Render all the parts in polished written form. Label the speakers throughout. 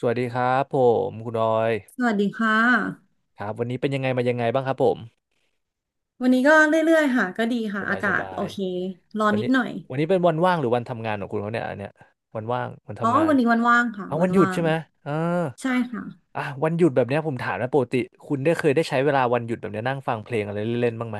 Speaker 1: สวัสดีครับผมคุณออย
Speaker 2: สวัสดีค่ะ
Speaker 1: ครับวันนี้เป็นยังไงมายังไงบ้างครับผม
Speaker 2: วันนี้ก็เรื่อยๆ ค่ะก็ดี
Speaker 1: ส
Speaker 2: ค่ะ
Speaker 1: บา
Speaker 2: อา
Speaker 1: ยส
Speaker 2: กาศ
Speaker 1: บา
Speaker 2: โอ
Speaker 1: ย
Speaker 2: เคร้อน
Speaker 1: วัน
Speaker 2: นิด
Speaker 1: นี้
Speaker 2: หน่อย
Speaker 1: วันนี้เป็นวันว่างหรือวันทำงานของคุณเขาเนี่ยอันเนี้ยวันว่างวัน
Speaker 2: อ๋อ
Speaker 1: ทำงาน
Speaker 2: วันนี้วันว่างค่ะ
Speaker 1: เอา
Speaker 2: วั
Speaker 1: วัน
Speaker 2: น
Speaker 1: หยุด
Speaker 2: ว่า
Speaker 1: ใช่
Speaker 2: ง
Speaker 1: ไหมเออ
Speaker 2: ใช่ค่ะ
Speaker 1: อ่ะวันหยุดแบบเนี้ยผมถามนะปกติคุณได้เคยได้ใช้เวลาวันหยุดแบบเนี้ยนั่งฟังเพลงอะไรเล่นๆบ้างไหม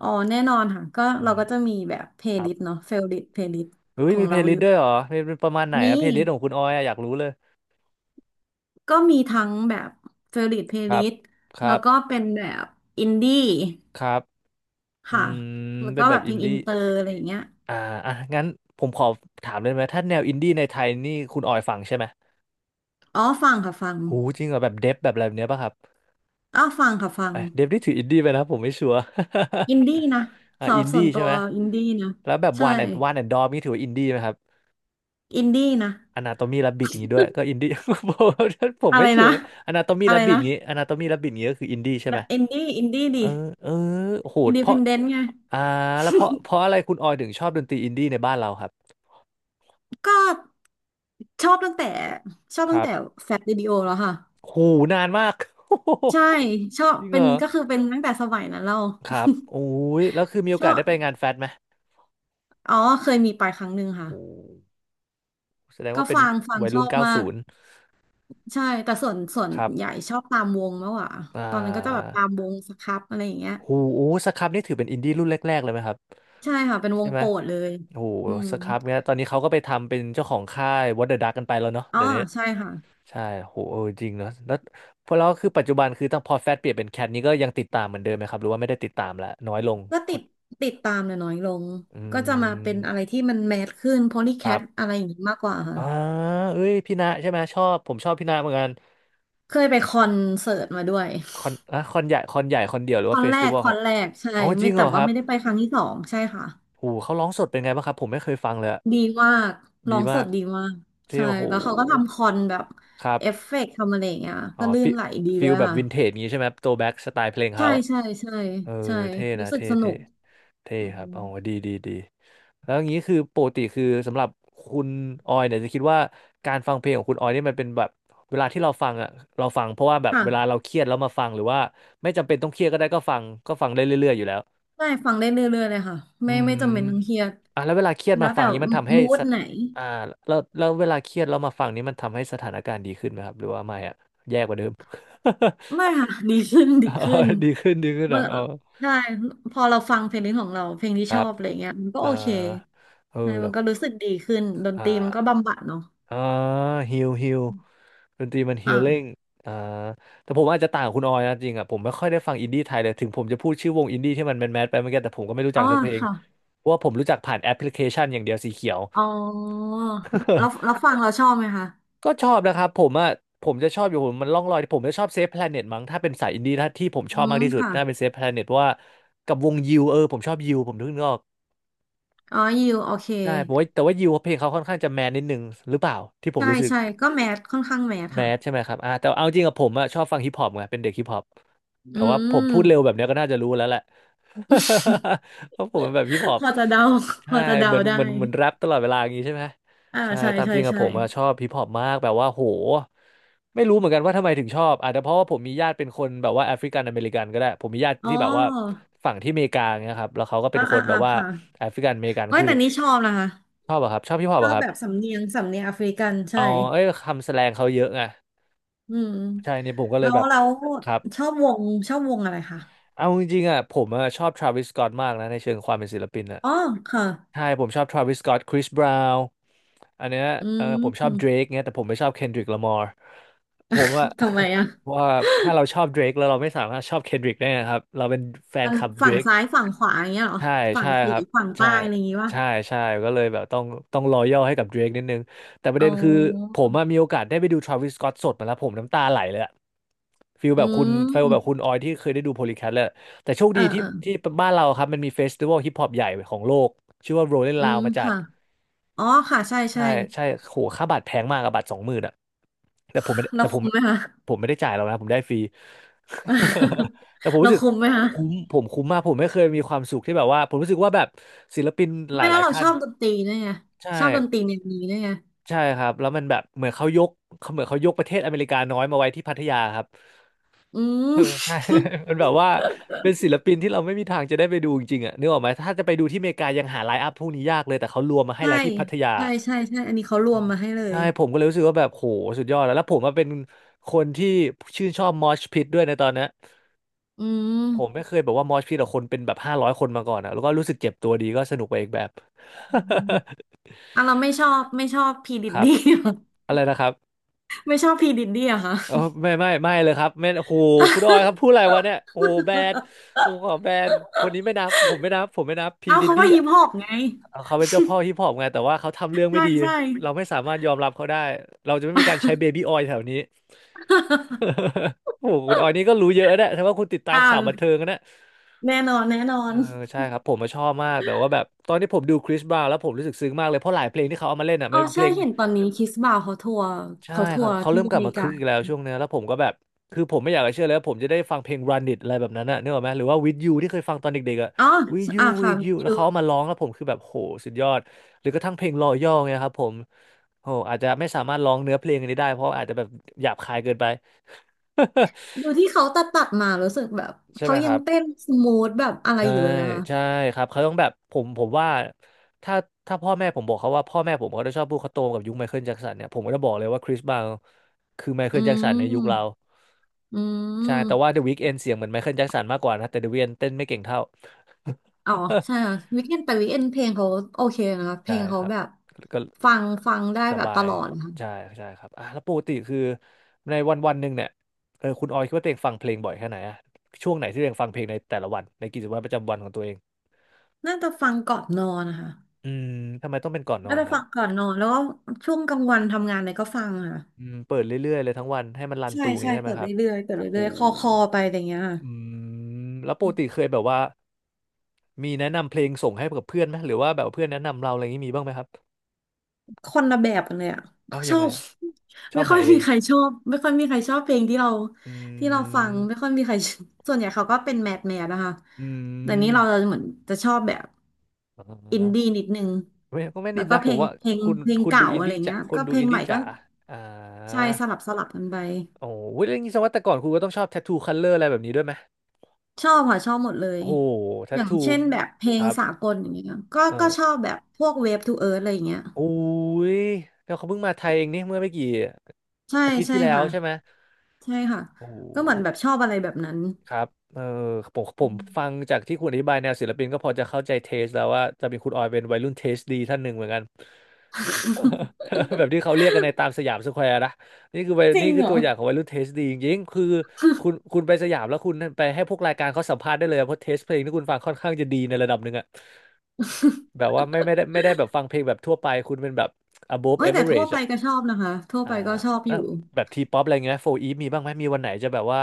Speaker 2: อ๋อแน่นอนค่ะก็
Speaker 1: อื
Speaker 2: เรา
Speaker 1: ม
Speaker 2: ก็จะมีแบบเพล
Speaker 1: ค
Speaker 2: ย์
Speaker 1: รั
Speaker 2: ลิ
Speaker 1: บ
Speaker 2: สต์เนาะเฟ v o ลิ t เพลย์ลิสต์
Speaker 1: เฮ้
Speaker 2: ข
Speaker 1: ย
Speaker 2: อ
Speaker 1: มี
Speaker 2: ง
Speaker 1: เพล
Speaker 2: เรา
Speaker 1: ย์ลิ
Speaker 2: อ
Speaker 1: สต์
Speaker 2: ยู่
Speaker 1: ด้วยเหรอเป็นเป็นประมาณไหน
Speaker 2: มี
Speaker 1: อะเพลย์ลิสต์ของคุณออยอะอยากรู้เลย
Speaker 2: ก็มีทั้งแบบเฟ v o ริ t เพล
Speaker 1: ค
Speaker 2: ย์ลิ
Speaker 1: รับ
Speaker 2: สต์
Speaker 1: ค
Speaker 2: แล้
Speaker 1: รั
Speaker 2: ว
Speaker 1: บ
Speaker 2: ก็เป็นแบบอินดี้
Speaker 1: ครับอื
Speaker 2: ค่ะ
Speaker 1: ม
Speaker 2: แล้ว
Speaker 1: เป็
Speaker 2: ก็
Speaker 1: นแบ
Speaker 2: แบบ
Speaker 1: บ
Speaker 2: เพ
Speaker 1: อิ
Speaker 2: ล
Speaker 1: น
Speaker 2: งอิน
Speaker 1: ดี้
Speaker 2: เตอร์อะไรอย่างเงี้ย
Speaker 1: อ่าอ่ะงั้นผมขอถามเลยไหมถ้าแนวอินดี้ในไทยนี่คุณออยฟังใช่ไหม
Speaker 2: อ๋อฟังค่ะฟัง
Speaker 1: หูจริงเหรอแบบเดฟแบบอะไรแบบเนี้ยป่ะครับ
Speaker 2: อ้าวฟังค่ะฟัง
Speaker 1: เอ้ยเดฟนี่ถืออินดี้ไปนะผมไม่ชัวร์
Speaker 2: อินดี้นะ
Speaker 1: อ่า
Speaker 2: สำห
Speaker 1: อิ
Speaker 2: รับ
Speaker 1: น
Speaker 2: ส่
Speaker 1: ดี้
Speaker 2: วน
Speaker 1: ใช่
Speaker 2: ตัว
Speaker 1: ไหม
Speaker 2: อินดี้นะ
Speaker 1: แล้วแบบ
Speaker 2: ใช่
Speaker 1: วานแอนวานแอนดอมนี่ถือว่าอินดี้ไหมครับ
Speaker 2: อินดี้นะ
Speaker 1: อนาโตมีรับบิดอย่างงี้ด้วยก็อินดี้ ผม
Speaker 2: อะ
Speaker 1: ไม่
Speaker 2: ไร
Speaker 1: ชั
Speaker 2: นะ
Speaker 1: วร์อนาโตมี
Speaker 2: อะ
Speaker 1: รั
Speaker 2: ไร
Speaker 1: บบิด
Speaker 2: นะ
Speaker 1: งี้อนาโตมีรับบิดงี้ก็คืออินดี้ใช่ไห
Speaker 2: แล้
Speaker 1: ม
Speaker 2: วอินดี้อินดี้
Speaker 1: เอ
Speaker 2: ดิ
Speaker 1: อเออโห
Speaker 2: อิน
Speaker 1: ด
Speaker 2: ดี
Speaker 1: เพ
Speaker 2: พ
Speaker 1: ราะ
Speaker 2: นเดนต์ไง
Speaker 1: อ่าแล้วเพราะอะไรคุณออยถึงชอบดนตรีอินดี้ในบ้านเราครับ
Speaker 2: ก็ชอบตั้งแต่ชอบ
Speaker 1: ค
Speaker 2: ตั้ง
Speaker 1: รับ
Speaker 2: แต่แฟล t วิดีโอแล้วค่ะ
Speaker 1: หูนานมาก
Speaker 2: ใช่ชอบ
Speaker 1: จริง
Speaker 2: เป็
Speaker 1: เหร
Speaker 2: น
Speaker 1: อ
Speaker 2: ก็คือเป็นตั้งแต่สมัยนั้นเรา
Speaker 1: ครับโอ้ยแล้วคือมีโอ
Speaker 2: ช
Speaker 1: กาส
Speaker 2: อบ
Speaker 1: ได้ไปงานแฟตไหม
Speaker 2: อ๋อเคยมีไปครั้งหนึ่งค่ะ
Speaker 1: โอ้แสดง
Speaker 2: ก็
Speaker 1: ว่าเป็น
Speaker 2: ฟัง
Speaker 1: วัย
Speaker 2: ช
Speaker 1: รุ่
Speaker 2: อ
Speaker 1: น
Speaker 2: บ
Speaker 1: เก้า
Speaker 2: มาก
Speaker 1: ศูนย์
Speaker 2: ใช่แต่ส่วน
Speaker 1: ครั
Speaker 2: ให
Speaker 1: บ
Speaker 2: ญ่ชอบตามวงมากกว่า
Speaker 1: อ่า
Speaker 2: ตอนนั้นก็จะแบบตามวงสครับอะไรอย่างเงี้ย
Speaker 1: โหโอ้สครับนี่ถือเป็นอินดี้รุ่นแรกๆเลยไหมครับ
Speaker 2: ใช่ค่ะเป็นว
Speaker 1: ใช่
Speaker 2: ง
Speaker 1: ไหม
Speaker 2: โปรดเลย
Speaker 1: โอ้โห
Speaker 2: อืม
Speaker 1: สครับเนี้ยตอนนี้เขาก็ไปทำเป็นเจ้าของค่าย What the Duck กันไปแล้วเนาะ
Speaker 2: อ๋อ
Speaker 1: เดี๋ยวนี้
Speaker 2: ใช่ค่ะ
Speaker 1: ใช่โหเออจริงเนาะแล้วพอแล้วคือปัจจุบันคือตั้งพอแฟตเปลี่ยนเป็นแคทนี้ก็ยังติดตามเหมือนเดิมไหมครับหรือว่าไม่ได้ติดตามละน้อยลง
Speaker 2: ก็ติดตามเนี่ยน้อยลง
Speaker 1: อื
Speaker 2: ก็จะมาเป็นอะไร
Speaker 1: ม
Speaker 2: ที่มันแมสขึ้นโพลีแค
Speaker 1: ครั
Speaker 2: ทอะ
Speaker 1: บ
Speaker 2: ไรอย่างนี้มากกว่าค่ะ
Speaker 1: อ่าเอ้ยพี่ณะใช่ไหมชอบผมชอบพี่ณะเหมือนกัน
Speaker 2: เคยไปคอนเสิร์ตมาด้วย
Speaker 1: คอนอะคอนใหญ่คอนใหญ่คอนเดียวหรื
Speaker 2: ค
Speaker 1: อ
Speaker 2: อ
Speaker 1: ว่า
Speaker 2: น
Speaker 1: เฟส
Speaker 2: แร
Speaker 1: ติ
Speaker 2: ก
Speaker 1: วัล
Speaker 2: ค
Speaker 1: ค
Speaker 2: อ
Speaker 1: รับ
Speaker 2: นแรกใช่
Speaker 1: อ๋อจ
Speaker 2: ไม่
Speaker 1: ริงเหร
Speaker 2: แต่
Speaker 1: อค
Speaker 2: ว่า
Speaker 1: รับ
Speaker 2: ไม่ได้ไปครั้งที่สองใช่ค่ะ
Speaker 1: โหเขาร้องสดเป็นไงบ้างครับผมไม่เคยฟังเลยอะ
Speaker 2: ดีมากร้อ
Speaker 1: ดี
Speaker 2: งส
Speaker 1: มา
Speaker 2: ด
Speaker 1: ก
Speaker 2: ดีมาก
Speaker 1: ที่
Speaker 2: ใช่
Speaker 1: โอ้โห
Speaker 2: แล้วเขาก็ทำคอนแบบ
Speaker 1: ครับ
Speaker 2: เอฟเฟกต์ทำอะไรอย่างเงี้ย
Speaker 1: อ๋อ
Speaker 2: ก็ลื่
Speaker 1: ฟิ
Speaker 2: นไหลดี
Speaker 1: ฟิ
Speaker 2: เล
Speaker 1: ล
Speaker 2: ย
Speaker 1: แบบ
Speaker 2: ค่ะ
Speaker 1: วินเทจงี้ใช่ไหมครับโตแบ็กสไตล์เพลง
Speaker 2: ใช่
Speaker 1: เขา
Speaker 2: ใช่ใช่
Speaker 1: เออ
Speaker 2: ใช่
Speaker 1: เท่
Speaker 2: รู้
Speaker 1: นะ
Speaker 2: สึก
Speaker 1: เท่
Speaker 2: สนุ
Speaker 1: เท่
Speaker 2: ก
Speaker 1: เท่
Speaker 2: อื
Speaker 1: ครั
Speaker 2: ม
Speaker 1: บอ๋อดีแล้วอย่างนี้คือปกติคือสำหรับคุณออยเนี่ยจะคิดว่าการฟังเพลงของคุณออยนี่มันเป็นแบบเวลาที่เราฟังอ่ะเราฟังเพราะว่าแบบ
Speaker 2: ค่ะ
Speaker 1: เวลาเราเครียดแล้วมาฟังหรือว่าไม่จำเป็นต้องเครียดก็ได้ก็ฟังได้เรื่อยๆอยู่แล้ว
Speaker 2: ได้ฟังได้เรื่อยๆเลยค่ะ
Speaker 1: อื
Speaker 2: ไม่จำเป็นต้องเครี
Speaker 1: ม
Speaker 2: ยด
Speaker 1: อ่ะแล้วเวลาเครียด
Speaker 2: แล้
Speaker 1: มา
Speaker 2: ว
Speaker 1: ฟั
Speaker 2: แต่
Speaker 1: งนี้มันทำให้
Speaker 2: มู
Speaker 1: ส
Speaker 2: ด
Speaker 1: ถ
Speaker 2: ไหน
Speaker 1: อ่าแล้วเวลาเครียดเรามาฟังนี้มันทำให้สถานการณ์ดีขึ้นไหมครับหรือว่าไม่อะแย่กว่าเดิม
Speaker 2: ไม่ค่ะ ดีขึ้น ดี
Speaker 1: อ๋อ
Speaker 2: ขึ้น
Speaker 1: ดีขึ้นเหร
Speaker 2: เมื่
Speaker 1: อ
Speaker 2: อ
Speaker 1: อ๋อ
Speaker 2: ใช่พอเราฟังเพลงนี้ของเราเพลงที่
Speaker 1: ค
Speaker 2: ช
Speaker 1: รั
Speaker 2: อ
Speaker 1: บ
Speaker 2: บอะไรเงี้ยมันก็
Speaker 1: อ่า
Speaker 2: โอเค
Speaker 1: เออ
Speaker 2: ใช่
Speaker 1: แต่
Speaker 2: มันก็รู้สึกดีขึ้นดน
Speaker 1: อ่
Speaker 2: ตรีมันก็
Speaker 1: า
Speaker 2: บำบัดเนาะ
Speaker 1: อ่าฮิลฮิลดนตรีมันฮิลลิ่ง
Speaker 2: อ่า
Speaker 1: อ่าแต่ผมอาจจะต่างกับคุณออยนะจริงอ่ะผมไม่ค่อยได้ฟังอินดี้ไทยเลยถึงผมจะพูดชื่อวงอินดี้ที่มันแมนแมสไปเมื่อกี้แต่ผมก็ไม่รู้
Speaker 2: อ๋
Speaker 1: จั
Speaker 2: อ
Speaker 1: กสักเพลง
Speaker 2: ค่ะ
Speaker 1: เพราะว่าผมรู้จักผ่านแอปพลิเคชันอย่างเดียวสีเขียว
Speaker 2: อ๋อแล้วฟังเราชอบไหมคะ
Speaker 1: ก็ชอบนะครับผมอ่ะผมจะชอบอยู่ผมมันล่องลอยผมจะชอบเซฟแพลเน็ตมั้งถ้าเป็นสายอินดี้ถ้าที่ผมช
Speaker 2: อื
Speaker 1: อบมา
Speaker 2: ม
Speaker 1: กที่สุด
Speaker 2: ค่ะ
Speaker 1: น่าเป็นเซฟแพลเน็ตเพราะว่ากับวงยิวเออผมชอบยิวผมนึกออก
Speaker 2: อ๋อยิวโอเค
Speaker 1: ใช่ผมว่าแต่ว่ายิวเพลงเขาค่อนข้างจะแมนนิดนึงหรือเปล่าที่ผม
Speaker 2: ใช่
Speaker 1: รู้สึก
Speaker 2: ใช่ก็แมทค่อนข้างแมท
Speaker 1: แม
Speaker 2: ค่ะ
Speaker 1: สใช่ไหมครับอ่าแต่เอาจริงกับผมอะชอบฟังฮิปฮอปไงเป็นเด็กฮิปฮอป
Speaker 2: อื
Speaker 1: แต่ว่าผม
Speaker 2: ม
Speaker 1: พูดเร็วแบบเนี้ยก็น่าจะรู้แล้วแหละ เพราะผมเป็นแบบฮิปฮอ
Speaker 2: พ
Speaker 1: ป
Speaker 2: อจะเดาพ
Speaker 1: ใช่
Speaker 2: อจะเดา
Speaker 1: เหมือน
Speaker 2: ได้
Speaker 1: เหมือนเหมือนแรปตลอดเวลาอย่างงี้ใช่ไหม
Speaker 2: อ่า
Speaker 1: ใช่
Speaker 2: ใช่
Speaker 1: ตาม
Speaker 2: ใช่
Speaker 1: จริงกับ
Speaker 2: ใช่
Speaker 1: ผมอะชอบฮิปฮอปมากแบบว่าโหไม่รู้เหมือนกันว่าทำไมถึงชอบอาจจะเพราะว่าผมมีญาติเป็นคนแบบว่าแอฟริกันอเมริกันก็ได้ผมมีญาติ
Speaker 2: อ๋
Speaker 1: ที่แบบว่า
Speaker 2: อ
Speaker 1: ฝั่งที่อเมริกาเงี้ยครับแล้วเขาก็เป็
Speaker 2: อ่า
Speaker 1: นค
Speaker 2: อ่า
Speaker 1: นแบ
Speaker 2: อ่า
Speaker 1: บว่า
Speaker 2: ค่ะ
Speaker 1: แอฟริกันอเมริกัน
Speaker 2: ไม่
Speaker 1: คือ
Speaker 2: แต่นี่ชอบนะคะ
Speaker 1: ชอบอะครับชอบฮิปฮอ
Speaker 2: ช
Speaker 1: ป
Speaker 2: อ
Speaker 1: อะ
Speaker 2: บ
Speaker 1: ครั
Speaker 2: แบบ
Speaker 1: บ
Speaker 2: สำเนียงสำเนียงแอฟริกันใช่
Speaker 1: เอาเอ้ยคำแสแลงเขาเยอะไง
Speaker 2: อืม
Speaker 1: ใช่เนี่ยผมก็เล
Speaker 2: แล้
Speaker 1: ย
Speaker 2: ว
Speaker 1: แบบ
Speaker 2: เรา
Speaker 1: ครับ
Speaker 2: ชอบวงชอบวงอะไรคะ
Speaker 1: เอาจริงๆอ่ะผมอะชอบทราวิสสก็อตมากนะในเชิงความเป็นศิลปินอ่ะ
Speaker 2: อ๋อค่ะ
Speaker 1: ใช่ผมชอบทราวิสสก็อตคริสบราวน์อันเนี้ย
Speaker 2: อื
Speaker 1: เออผมชอบเดร
Speaker 2: ม
Speaker 1: กเงี้ยแต่ผมไม่ชอบเคนดริกล a มอร์ผมอ่ะ
Speaker 2: ทำไมอ่ะ
Speaker 1: ว่าถ้าเราชอบเดรกแล้วเราไม่สามารถชอบเคนดริกได้นะครับเราเป็นแฟน
Speaker 2: มัน
Speaker 1: คลับเดร
Speaker 2: ฝั่ง
Speaker 1: ก
Speaker 2: ซ้ายฝั่งขวาอย่างเงี้ยเหรอ
Speaker 1: ใช่
Speaker 2: ฝั่ง
Speaker 1: ใช่
Speaker 2: ตี
Speaker 1: ครับ
Speaker 2: ฝั่ง
Speaker 1: ใช่
Speaker 2: ใต้อะไรอย่างงี้ป่ะ
Speaker 1: ใช่ใช่ก็เลยแบบต้องรอยัลให้กับเดรกนิดนึงแต่ประ
Speaker 2: อ๋
Speaker 1: เด็นคือ
Speaker 2: อ
Speaker 1: ผมอะมีโอกาสได้ไปดูทราวิสสก็อตสดมาแล้วผมน้ำตาไหลเลยอะฟิล
Speaker 2: อื
Speaker 1: แบบคุณฟิลแบบ
Speaker 2: ม
Speaker 1: คุณออยที่เคยได้ดูโพลีแคทแล้วแต่โชค
Speaker 2: เออ
Speaker 1: ดีที่
Speaker 2: เออ
Speaker 1: ที่บ้านเราครับมันมีเฟสติวัลฮิปฮอปใหญ่ของโลกชื่อว่าโรลเลน
Speaker 2: อื
Speaker 1: ลาว
Speaker 2: ม
Speaker 1: มาจัด
Speaker 2: ค่ะอ๋อค่ะใช่ใช่
Speaker 1: ใช่ใช่โหค่าบัตรแพงมากอะบัตร20,000อะแต่ผมไม่ได้
Speaker 2: เรา
Speaker 1: แต่ผ
Speaker 2: คุ
Speaker 1: ม
Speaker 2: มไหมคะ
Speaker 1: ผมไม่ได้จ่ายแล้วนะผมได้ฟรี แต่ผม
Speaker 2: เรา
Speaker 1: รู้สึก
Speaker 2: คุมไหมคะ
Speaker 1: คุ้มผมคุ้มมากผมไม่เคยมีความสุขที่แบบว่าผมรู้สึกว่าแบบศิลปินห
Speaker 2: ไม่แล้
Speaker 1: ลา
Speaker 2: ว
Speaker 1: ยๆ
Speaker 2: เรา
Speaker 1: ท่า
Speaker 2: ช
Speaker 1: น
Speaker 2: อบดนตรีด้วยไง
Speaker 1: ใช่
Speaker 2: ชอบดนตรีแนวนี้ด้วยไง
Speaker 1: ใช่ครับแล้วมันแบบเหมือนเขายกเขายกประเทศอเมริกาน้อยมาไว้ที่พัทยาครับ
Speaker 2: อื
Speaker 1: เออ
Speaker 2: ม
Speaker 1: ใช่ มันแบบว่าเป็นศิลปินที่เราไม่มีทางจะได้ไปดูจริงๆอ่ะนึกออกไหมถ้าจะไปดูที่อเมริกายังหาไลน์อัพพวกนี้ยากเลยแต่เขารวมมาให้
Speaker 2: ใช่
Speaker 1: แล้วที่พัทยา
Speaker 2: ใช่ใช่ใช่อันนี้เขาร
Speaker 1: อื
Speaker 2: วม
Speaker 1: ม
Speaker 2: มาให้เล
Speaker 1: ใช่
Speaker 2: ย
Speaker 1: ผมก็เลยรู้สึกว่าแบบโหสุดยอดแล้วแล้วผมมาเป็นคนที่ชื่นชอบมอชพิทด้วยในตอนเนี้ย
Speaker 2: อืม
Speaker 1: ผมไม่เคยแบบว่ามอชพิทกับคนเป็นแบบ500คนมาก่อนอะแล้วก็รู้สึกเจ็บตัวดีก็สนุกไปอีกแบบ
Speaker 2: อืมอ่ะเราไม่ชอบพีดิด
Speaker 1: ครับ
Speaker 2: ดี้
Speaker 1: อะไรนะครับ
Speaker 2: ไม่ชอบพีดิดดี้อะค่ะ
Speaker 1: เออไม่ไม่ไม่เลยครับไม่โอ้โหคุณออยครับพูดอะ ไรวะเนี่ยโอ้โหแบนผมขอแบนคนนี้ไม่นับผมไม่นับผมไม่นับพี
Speaker 2: เอา
Speaker 1: ดิด
Speaker 2: เขา
Speaker 1: ดี้
Speaker 2: ก็ฮิปฮอปไง
Speaker 1: เขาเป็นเจ้าพ่อฮิปฮอปไงแต่ว่าเขาทำเรื่องไม่
Speaker 2: ใช่
Speaker 1: ดี
Speaker 2: ใช่
Speaker 1: เราไม่สามารถยอมรับเขาได้เราจะไม่มีการใช้เบบี้ออยล์แถวนี้ โอ้โห คุณออยนี่ก็รู้เยอะนะแต่ว่าคุณติดตา
Speaker 2: อ่
Speaker 1: มข่าวบันเทิ
Speaker 2: า
Speaker 1: งนะ
Speaker 2: แน่นอนแน่นอ
Speaker 1: เอ
Speaker 2: น
Speaker 1: อใช่ครับผมมาชอบมาก แต่ว่าแบบตอนที่ผมดูคริสบราวน์แล้วผมรู้สึกซึ้งมากเลย เพราะหลายเพลงที่เขาเอามาเล่นอ่ะ
Speaker 2: อ๋
Speaker 1: มั
Speaker 2: อ
Speaker 1: นเป็นเพ
Speaker 2: ใช่
Speaker 1: ลง
Speaker 2: เห็นตอนนี้คิสบ่าวเขาทัวร์
Speaker 1: ใช่
Speaker 2: เขาทั
Speaker 1: เขา
Speaker 2: วร์
Speaker 1: เขา
Speaker 2: ที่
Speaker 1: เริ่ม
Speaker 2: อ
Speaker 1: กลั
Speaker 2: เม
Speaker 1: บมา
Speaker 2: ริ
Speaker 1: คึ
Speaker 2: กา
Speaker 1: กอีกแล้วช่วงเนี้ยแล้วผมก็แบบ คือผมไม่อยากจะเชื่อเลยว่าผมจะได้ฟังเพลง Run It อะไรแบบนั้นน่ะนึกออกไหมหรือว่า With You ที่เคยฟังตอนเด็กๆอ่ะ
Speaker 2: อ๋อ
Speaker 1: With You
Speaker 2: อ่าค่ะ
Speaker 1: With You แล้
Speaker 2: ดู
Speaker 1: วเขาเอามาร้องแล้วผมคือแบบโหสุดยอดหรือกระทั่งเพลง Loyal เนี่ยครับผมโหอาจจะไม่สามารถร้องเนื้อเพลงอันนี้ได้เพราะอาจจะแบบหยาบคายเกินไป
Speaker 2: ดูที่เขาตัดมารู้สึกแบบ
Speaker 1: ใช่ไห
Speaker 2: เขา
Speaker 1: มค
Speaker 2: ยัง
Speaker 1: รับ
Speaker 2: เต้นสมูทแบบอะไร
Speaker 1: ใช่
Speaker 2: อยู่เลยอะค่ะ
Speaker 1: ใช่ครับเขาต้องแบบผมผมว่าถ้าถ้าพ่อแม่ผมบอกเขาว่าพ่อแม่ผมเขาจะชอบพูดเขาโตมกับยุคไมเคิลแจ็คสันเนี่ยผมก็จะบอกเลยว่าคริสบราวน์คือไมเคิ
Speaker 2: อื
Speaker 1: ลแจ็คสันในยุคเรา
Speaker 2: มอื
Speaker 1: ใช่แต่ว่า
Speaker 2: ม
Speaker 1: The Weeknd เอนเสียงเหมือนไมเคิลแจ็คสันมากกว่านะแต่ The Weeknd เอนเต้นไม่เก่งเท่า
Speaker 2: อ๋อใช่ค่ะ วีคเอนแต่วีคเอนเพลงเขาโอเคนะคะเพ
Speaker 1: ใช่
Speaker 2: ลงเขา
Speaker 1: ครับ
Speaker 2: แบบ
Speaker 1: ก็
Speaker 2: ฟังได้
Speaker 1: ส
Speaker 2: แบบ
Speaker 1: บา
Speaker 2: ต
Speaker 1: ย
Speaker 2: ลอดนะคะ
Speaker 1: ใช่ใช่ครับอ่ะแล้วปกติคือในวันวันหนึ่งเนี่ยเออคุณออยคิดว่าตัวเองฟังเพลงบ่อยแค่ไหนอะช่วงไหนที่ตัวเองฟังเพลงในแต่ละวันในกิจวัตรประจำวันของตัวเอง
Speaker 2: น่าจะฟังก่อนนอนนะคะ
Speaker 1: อืมทำไมต้องเป็นก่อนนอ
Speaker 2: น่า
Speaker 1: น
Speaker 2: จะ
Speaker 1: ครับ
Speaker 2: ฟังก่อนนอนแล้วก็ช่วงกลางวันทำงานอะไรก็ฟัง
Speaker 1: อื
Speaker 2: ค่ะ
Speaker 1: มเปิดเรื่อยๆเลยทั้งวันให้มันรัน
Speaker 2: ใช่
Speaker 1: ตู
Speaker 2: ใช่
Speaker 1: งี้ใช่ไหม
Speaker 2: เปิด
Speaker 1: ครับ
Speaker 2: เรื่อยๆเปิด
Speaker 1: โห
Speaker 2: เรื่อยๆคอคอไปอะไรอย่างเงี้ยค่
Speaker 1: อืมแล้วปกติเค
Speaker 2: ะ
Speaker 1: ยแบบว่ามีแนะนำเพลงส่งให้กับเพื่อนไหมหรือว่าแบบเพื่อนแนะนำเราอะไรอย่างนี้มีบ้างไหมครับ
Speaker 2: คนละแบบกันเลยอะ
Speaker 1: เอ้า
Speaker 2: ช
Speaker 1: ยัง
Speaker 2: อ
Speaker 1: ไง
Speaker 2: บ
Speaker 1: อะชอ
Speaker 2: ไม่
Speaker 1: บ
Speaker 2: ค่อ
Speaker 1: หา
Speaker 2: ย
Speaker 1: เอ
Speaker 2: มี
Speaker 1: ง
Speaker 2: ใครชอบไม่ค่อยมีใครชอบเพลงที่เรา
Speaker 1: อื
Speaker 2: ที่เราฟังไม่ค่
Speaker 1: ม
Speaker 2: อยมีใคร ส่วนใหญ่เขาก็เป็นแมสแมสนะคะ
Speaker 1: อื
Speaker 2: แต่นี้
Speaker 1: ม
Speaker 2: เราเหมือนจะชอบแบบ
Speaker 1: อ่
Speaker 2: อินดี้
Speaker 1: า
Speaker 2: นิดนึง
Speaker 1: ไม่ก็ไม่
Speaker 2: แล้
Speaker 1: นิด
Speaker 2: วก็
Speaker 1: นะ
Speaker 2: เพ
Speaker 1: ผ
Speaker 2: ล
Speaker 1: ม
Speaker 2: ง
Speaker 1: ว่า
Speaker 2: เพลง
Speaker 1: คุณ
Speaker 2: เพลง
Speaker 1: คุณดู
Speaker 2: เก่า
Speaker 1: อิน
Speaker 2: อะไร
Speaker 1: ดี้จ๋า
Speaker 2: เงี้ย
Speaker 1: คน
Speaker 2: ก็
Speaker 1: ดู
Speaker 2: เพล
Speaker 1: อิ
Speaker 2: ง
Speaker 1: น
Speaker 2: ให
Speaker 1: ดี้
Speaker 2: ม่ก็
Speaker 1: จ๋าอ่า
Speaker 2: ใช่สลับกันไป
Speaker 1: โอ้โหเรื่องนี้แสดงว่าแต่ก่อนคุณก็ต้องชอบแท t ทูคัลเลอร์อะไรแบบนี้ด้วยไหม
Speaker 2: ชอบค่ะชอบหมดเลย
Speaker 1: โอ้โหแท
Speaker 2: อ
Speaker 1: t
Speaker 2: ย่าง
Speaker 1: ทู
Speaker 2: เช่นแบบเพล
Speaker 1: ค
Speaker 2: ง
Speaker 1: รับ
Speaker 2: สากลอย่างเงี้ยก็ชอ
Speaker 1: เออ
Speaker 2: บแบบพวกเวฟทูเอิร์ธอะไรอย่างเงี้ย
Speaker 1: อุ้ยแล้วเขาเพิ่งมาไทยเองนี่เมื่อไม่กี่
Speaker 2: ใช่
Speaker 1: อาทิตย์
Speaker 2: ใช่
Speaker 1: ที่แล้ว
Speaker 2: ค่ะ
Speaker 1: ใช่ไหม
Speaker 2: ใช่ค่ะ
Speaker 1: โอ้
Speaker 2: ก็เหมือ
Speaker 1: โห
Speaker 2: นแบบชอบอะไรแบบนั้น
Speaker 1: ครับเออผมฟังจากที่คุณอธิบายแนวศิลปินก็พอจะเข้าใจเทสแล้วว่าจะเป็นคุณออยเป็นวัยรุ่นเทสดีท่านหนึ่งเหมือนกัน แบบที่เขาเรียกกันในตามสยามสแควร์นะนี่คือวัย
Speaker 2: จริ
Speaker 1: นี่
Speaker 2: ง
Speaker 1: คือ
Speaker 2: เหร
Speaker 1: ตั
Speaker 2: อ
Speaker 1: วอย่างของวัยรุ่นเทสดีจริงๆคือคุณไปสยามแล้วคุณไปให้พวกรายการเขาสัมภาษณ์ได้เลยเพราะเทสเพลงที่คุณฟังค่อนข้างจะดีในระดับหนึ่งอะแบบว่าไม่ได้แบบฟังเพลงแบบทั่วไปคุณเป็นแบบ above
Speaker 2: เอ้ยแต่ทั่ว
Speaker 1: average
Speaker 2: ไปก็ชอบนะคะทั่ว
Speaker 1: อ่า
Speaker 2: ไปก็ชอบอ
Speaker 1: แล้ว
Speaker 2: ยู่
Speaker 1: แบบทีป๊อปอะไรเงี้ยโฟอีฟมีบ้างไหมมีวันไหนจะแบบว่า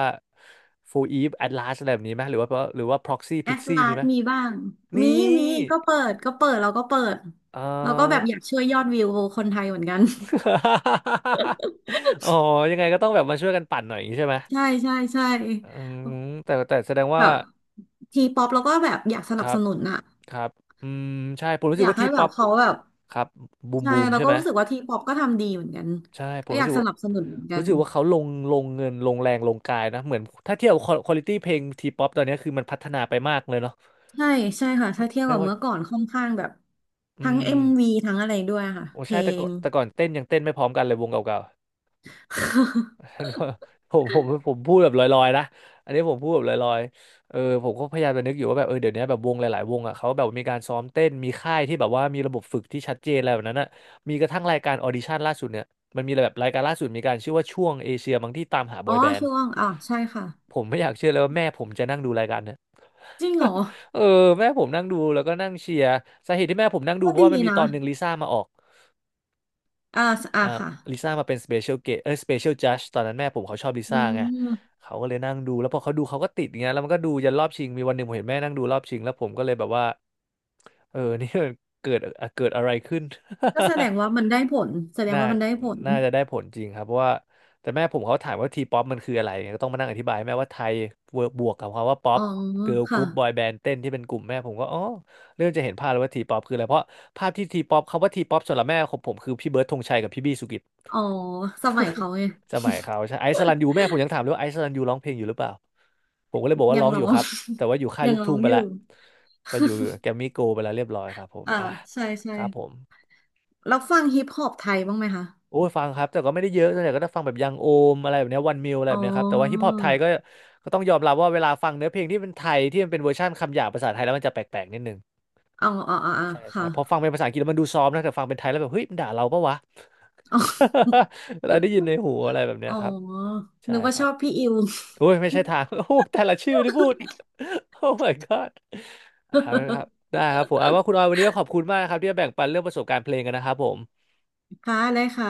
Speaker 1: โฟอีฟแอดลาสอะไรแบบนี้ไหมหรือว่าพ็อกซี่
Speaker 2: แอ
Speaker 1: พิก
Speaker 2: ส
Speaker 1: ซี่
Speaker 2: ลา
Speaker 1: มี
Speaker 2: ด
Speaker 1: ไหม
Speaker 2: มีบ้าง
Speaker 1: นี่
Speaker 2: มีมีก็เปิดก็เปิดเราก็เปิด
Speaker 1: เอ
Speaker 2: เราก็แบบ
Speaker 1: อ
Speaker 2: อยากช่วยยอดวิวคนไทยเหมือนกัน
Speaker 1: อ๋อยังไงก็ต้องแบบมาช่วยกันปั่นหน่อยอย่างนี้ใช่ไหม
Speaker 2: ใช่ใช่ใช่
Speaker 1: อืมแต่แสดง
Speaker 2: แบ
Speaker 1: ว่า
Speaker 2: บทีป๊อปเราก็แบบอยากส
Speaker 1: ค
Speaker 2: นับ
Speaker 1: รั
Speaker 2: ส
Speaker 1: บ
Speaker 2: นุนอะ
Speaker 1: ครับอืมใช่ผมรู้
Speaker 2: อ
Speaker 1: สึก
Speaker 2: ยาก
Speaker 1: ว่าที
Speaker 2: ให้แบ
Speaker 1: ป๊อ
Speaker 2: บ
Speaker 1: ป
Speaker 2: เขาแบบ
Speaker 1: ครับบูม
Speaker 2: ใช่
Speaker 1: บูม
Speaker 2: เรา
Speaker 1: ใช่
Speaker 2: ก็
Speaker 1: ไหม
Speaker 2: รู้สึกว่าทีป๊อปก็ทำดีเหมือนกัน
Speaker 1: ใช่ผ
Speaker 2: ก็
Speaker 1: ม
Speaker 2: อ
Speaker 1: รู้
Speaker 2: ยาก
Speaker 1: สึก
Speaker 2: ส
Speaker 1: ว่า
Speaker 2: นับสนุนเหมือนกั
Speaker 1: รู้
Speaker 2: น
Speaker 1: สึกว่าเขาลงเงินลงแรงลงกายนะเหมือนถ้าเทียบควอลิตี้เพลงทีป๊อปตอนเนี้ยคือมันพัฒนาไปมากเลยเนาะ
Speaker 2: ใช่ใช่ค่ะถ้าเทียบ
Speaker 1: ไม่
Speaker 2: กับ
Speaker 1: ว่า
Speaker 2: เมื่อก่อนค่อนข้างแบบ
Speaker 1: อื
Speaker 2: ทั้งเอ็มวี
Speaker 1: ม
Speaker 2: ทั้งอะไรด้วยค่ะ
Speaker 1: โอ้
Speaker 2: เพ
Speaker 1: ใช่
Speaker 2: ล
Speaker 1: แต่ก่
Speaker 2: ง
Speaker 1: อนแต่ก่อนเต้นยังเต้นไม่พร้อมกันเลยวงเก่า ๆ ผมพูดแบบลอยๆนะอันนี้ผมพูดแบบลอยๆเออผมก็พยายามจะนึกอยู่ว่าแบบเออเดี๋ยวนี้แบบวงหลายๆวงอ่ะเขาแบบมีการซ้อมเต้นมีค่ายที่แบบว่ามีระบบฝึกที่ชัดเจนอะไรแบบนั้นอ่ะมีกระทั่งรายการออดิชั่นล่าสุดเนี่ยมันมีแบบรายการล่าสุดมีการชื่อว่าช่วงเอเชียบางที่ตามหาบ
Speaker 2: อ๋
Speaker 1: อ
Speaker 2: อ
Speaker 1: ยแบนด์
Speaker 2: ช่วงอ่ะใช่ค่ะ
Speaker 1: ผมไม่อยากเชื่อเลยว่าแม่ผมจะนั่งดูรายการเนี่ย
Speaker 2: จริงเหรอ
Speaker 1: เออแม่ผมนั่งดูแล้วก็นั่งเชียร์สาเหตุที่แม่ผมนั่งดู
Speaker 2: ก็
Speaker 1: เพราะ
Speaker 2: ดี
Speaker 1: ว่ามันมี
Speaker 2: นะ
Speaker 1: ตอนหนึ่งลิซ่ามาออก
Speaker 2: อ่า
Speaker 1: เอ่
Speaker 2: อ่า
Speaker 1: อ
Speaker 2: ค่ะ
Speaker 1: ลิซ่ามาเป็นสเปเชียลเอ้ยสเปเชียลจัดตอนนั้นแม่ผมเขาชอบลิ
Speaker 2: อื
Speaker 1: ซ่าไง
Speaker 2: ม
Speaker 1: เขาก็เลยนั่งดูแล้วพอเขาดูเขาก็ติดอย่างเงี้ยแล้วมันก็ดูยันรอบชิงมีวันหนึ่งผมเห็นแม่นั่งดูรอบชิงแล้วผมก็เลยแบบว่า เออ นี่มันเกิดเกิดอะไรขึ้น
Speaker 2: ก็แสดงว่ามันได้ผลแสด ง
Speaker 1: น่า
Speaker 2: ว่ามันได้ผล
Speaker 1: น่าจะได้ผลจริงครับเพราะว่าแต่แม่ผมเขาถามว่าทีป๊อปมันคืออะไรเนี่ยก็ต้องมานั่งอธิบายแม่ว่าไทยบวกกับคำว่าป๊อ
Speaker 2: อ๋
Speaker 1: ป
Speaker 2: อ
Speaker 1: เกิร์ลก
Speaker 2: ค่ะ
Speaker 1: รุ๊ปบอยแบนด์เต้นที่เป็นกลุ่มแม่ผมก็อ๋อเริ่มจะเห็นภาพแล้วว่าทีป๊อปคืออะไร เพราะภาพที่ทีป๊อปคำว่าทีป๊อปสำหรับแม่ของผมคือพี่เบิร์ดธงชัยกับพี่บี้สุกิจ
Speaker 2: อ๋อสมัยเขาไง
Speaker 1: สมัยเขาใช่ไอซ์สลันยูแม่ผมยังถามเลยว่าไอซ์สลันยูร้องเพลงอยู่หรือเปล่าผมก็เลยบอก ว่า
Speaker 2: ยั
Speaker 1: ร้
Speaker 2: ง
Speaker 1: องอ
Speaker 2: ร้อ
Speaker 1: ยู่ค
Speaker 2: ง
Speaker 1: รับแต่ว่าอยู่ค่า ย
Speaker 2: ยั
Speaker 1: ลู
Speaker 2: ง
Speaker 1: ก
Speaker 2: ร้อ
Speaker 1: ทุ่ง
Speaker 2: ง
Speaker 1: ไป
Speaker 2: อยู่
Speaker 1: แล้ว ก็อยู่แกรมมี่โกลไปแล้วเรียบร้อยครับผม
Speaker 2: อ่า
Speaker 1: อ่ะ
Speaker 2: ใช่ใช่
Speaker 1: ครับผม
Speaker 2: แล้วฟังฮิปฮอปไทยบ้างไหมคะ
Speaker 1: โอ้ยฟังครับแต่ก็ไม่ได้เยอะส่วนใหญ่ก็จะฟังแบบยังโอมอะไรแบบเนี้วันมิวอะไร
Speaker 2: อ๋
Speaker 1: แบบเนี้ยครับแต่ว่าฮิป
Speaker 2: อ
Speaker 1: ฮอปไทยก็ก็ต้องยอมรับว่าเวลาฟังเนื้อเพลงที่เป็นไทยที่มันเป็นเวอร์ชันคำหยาบภาษาไทยแล้วมันจะแปลกๆนิดนึง
Speaker 2: อ๋ออ๋ออ๋ออ๋อ
Speaker 1: ใช่ใช่
Speaker 2: ค่ะ
Speaker 1: พอฟังเป็นภาษาอังกฤษแล้วมันดูซอฟต์นะแต่ฟังเป็นไทยแล้วแบบเฮ้ยมันด่าเราปะวะ
Speaker 2: อ๋อ
Speaker 1: เราได้ยินในหูอะไรแบบเนี้
Speaker 2: อ๋
Speaker 1: ย
Speaker 2: อ
Speaker 1: ครับใช่
Speaker 2: นึกว่า
Speaker 1: ค
Speaker 2: ช
Speaker 1: รับ
Speaker 2: อบพี่อิว
Speaker 1: โอ้ยไม่ใช่ทาง โอ้แต่ละชื่อที่พูดโอ้ my god อ่าครับ ได้ครับผมเอาว่าคุณออยวันนี้ก็ขอบคุณมากนะครับที่มาแบ่งปันเรื่องประสบการณ์เพลงกันนะครับผม
Speaker 2: ค่ะเลยค่ะ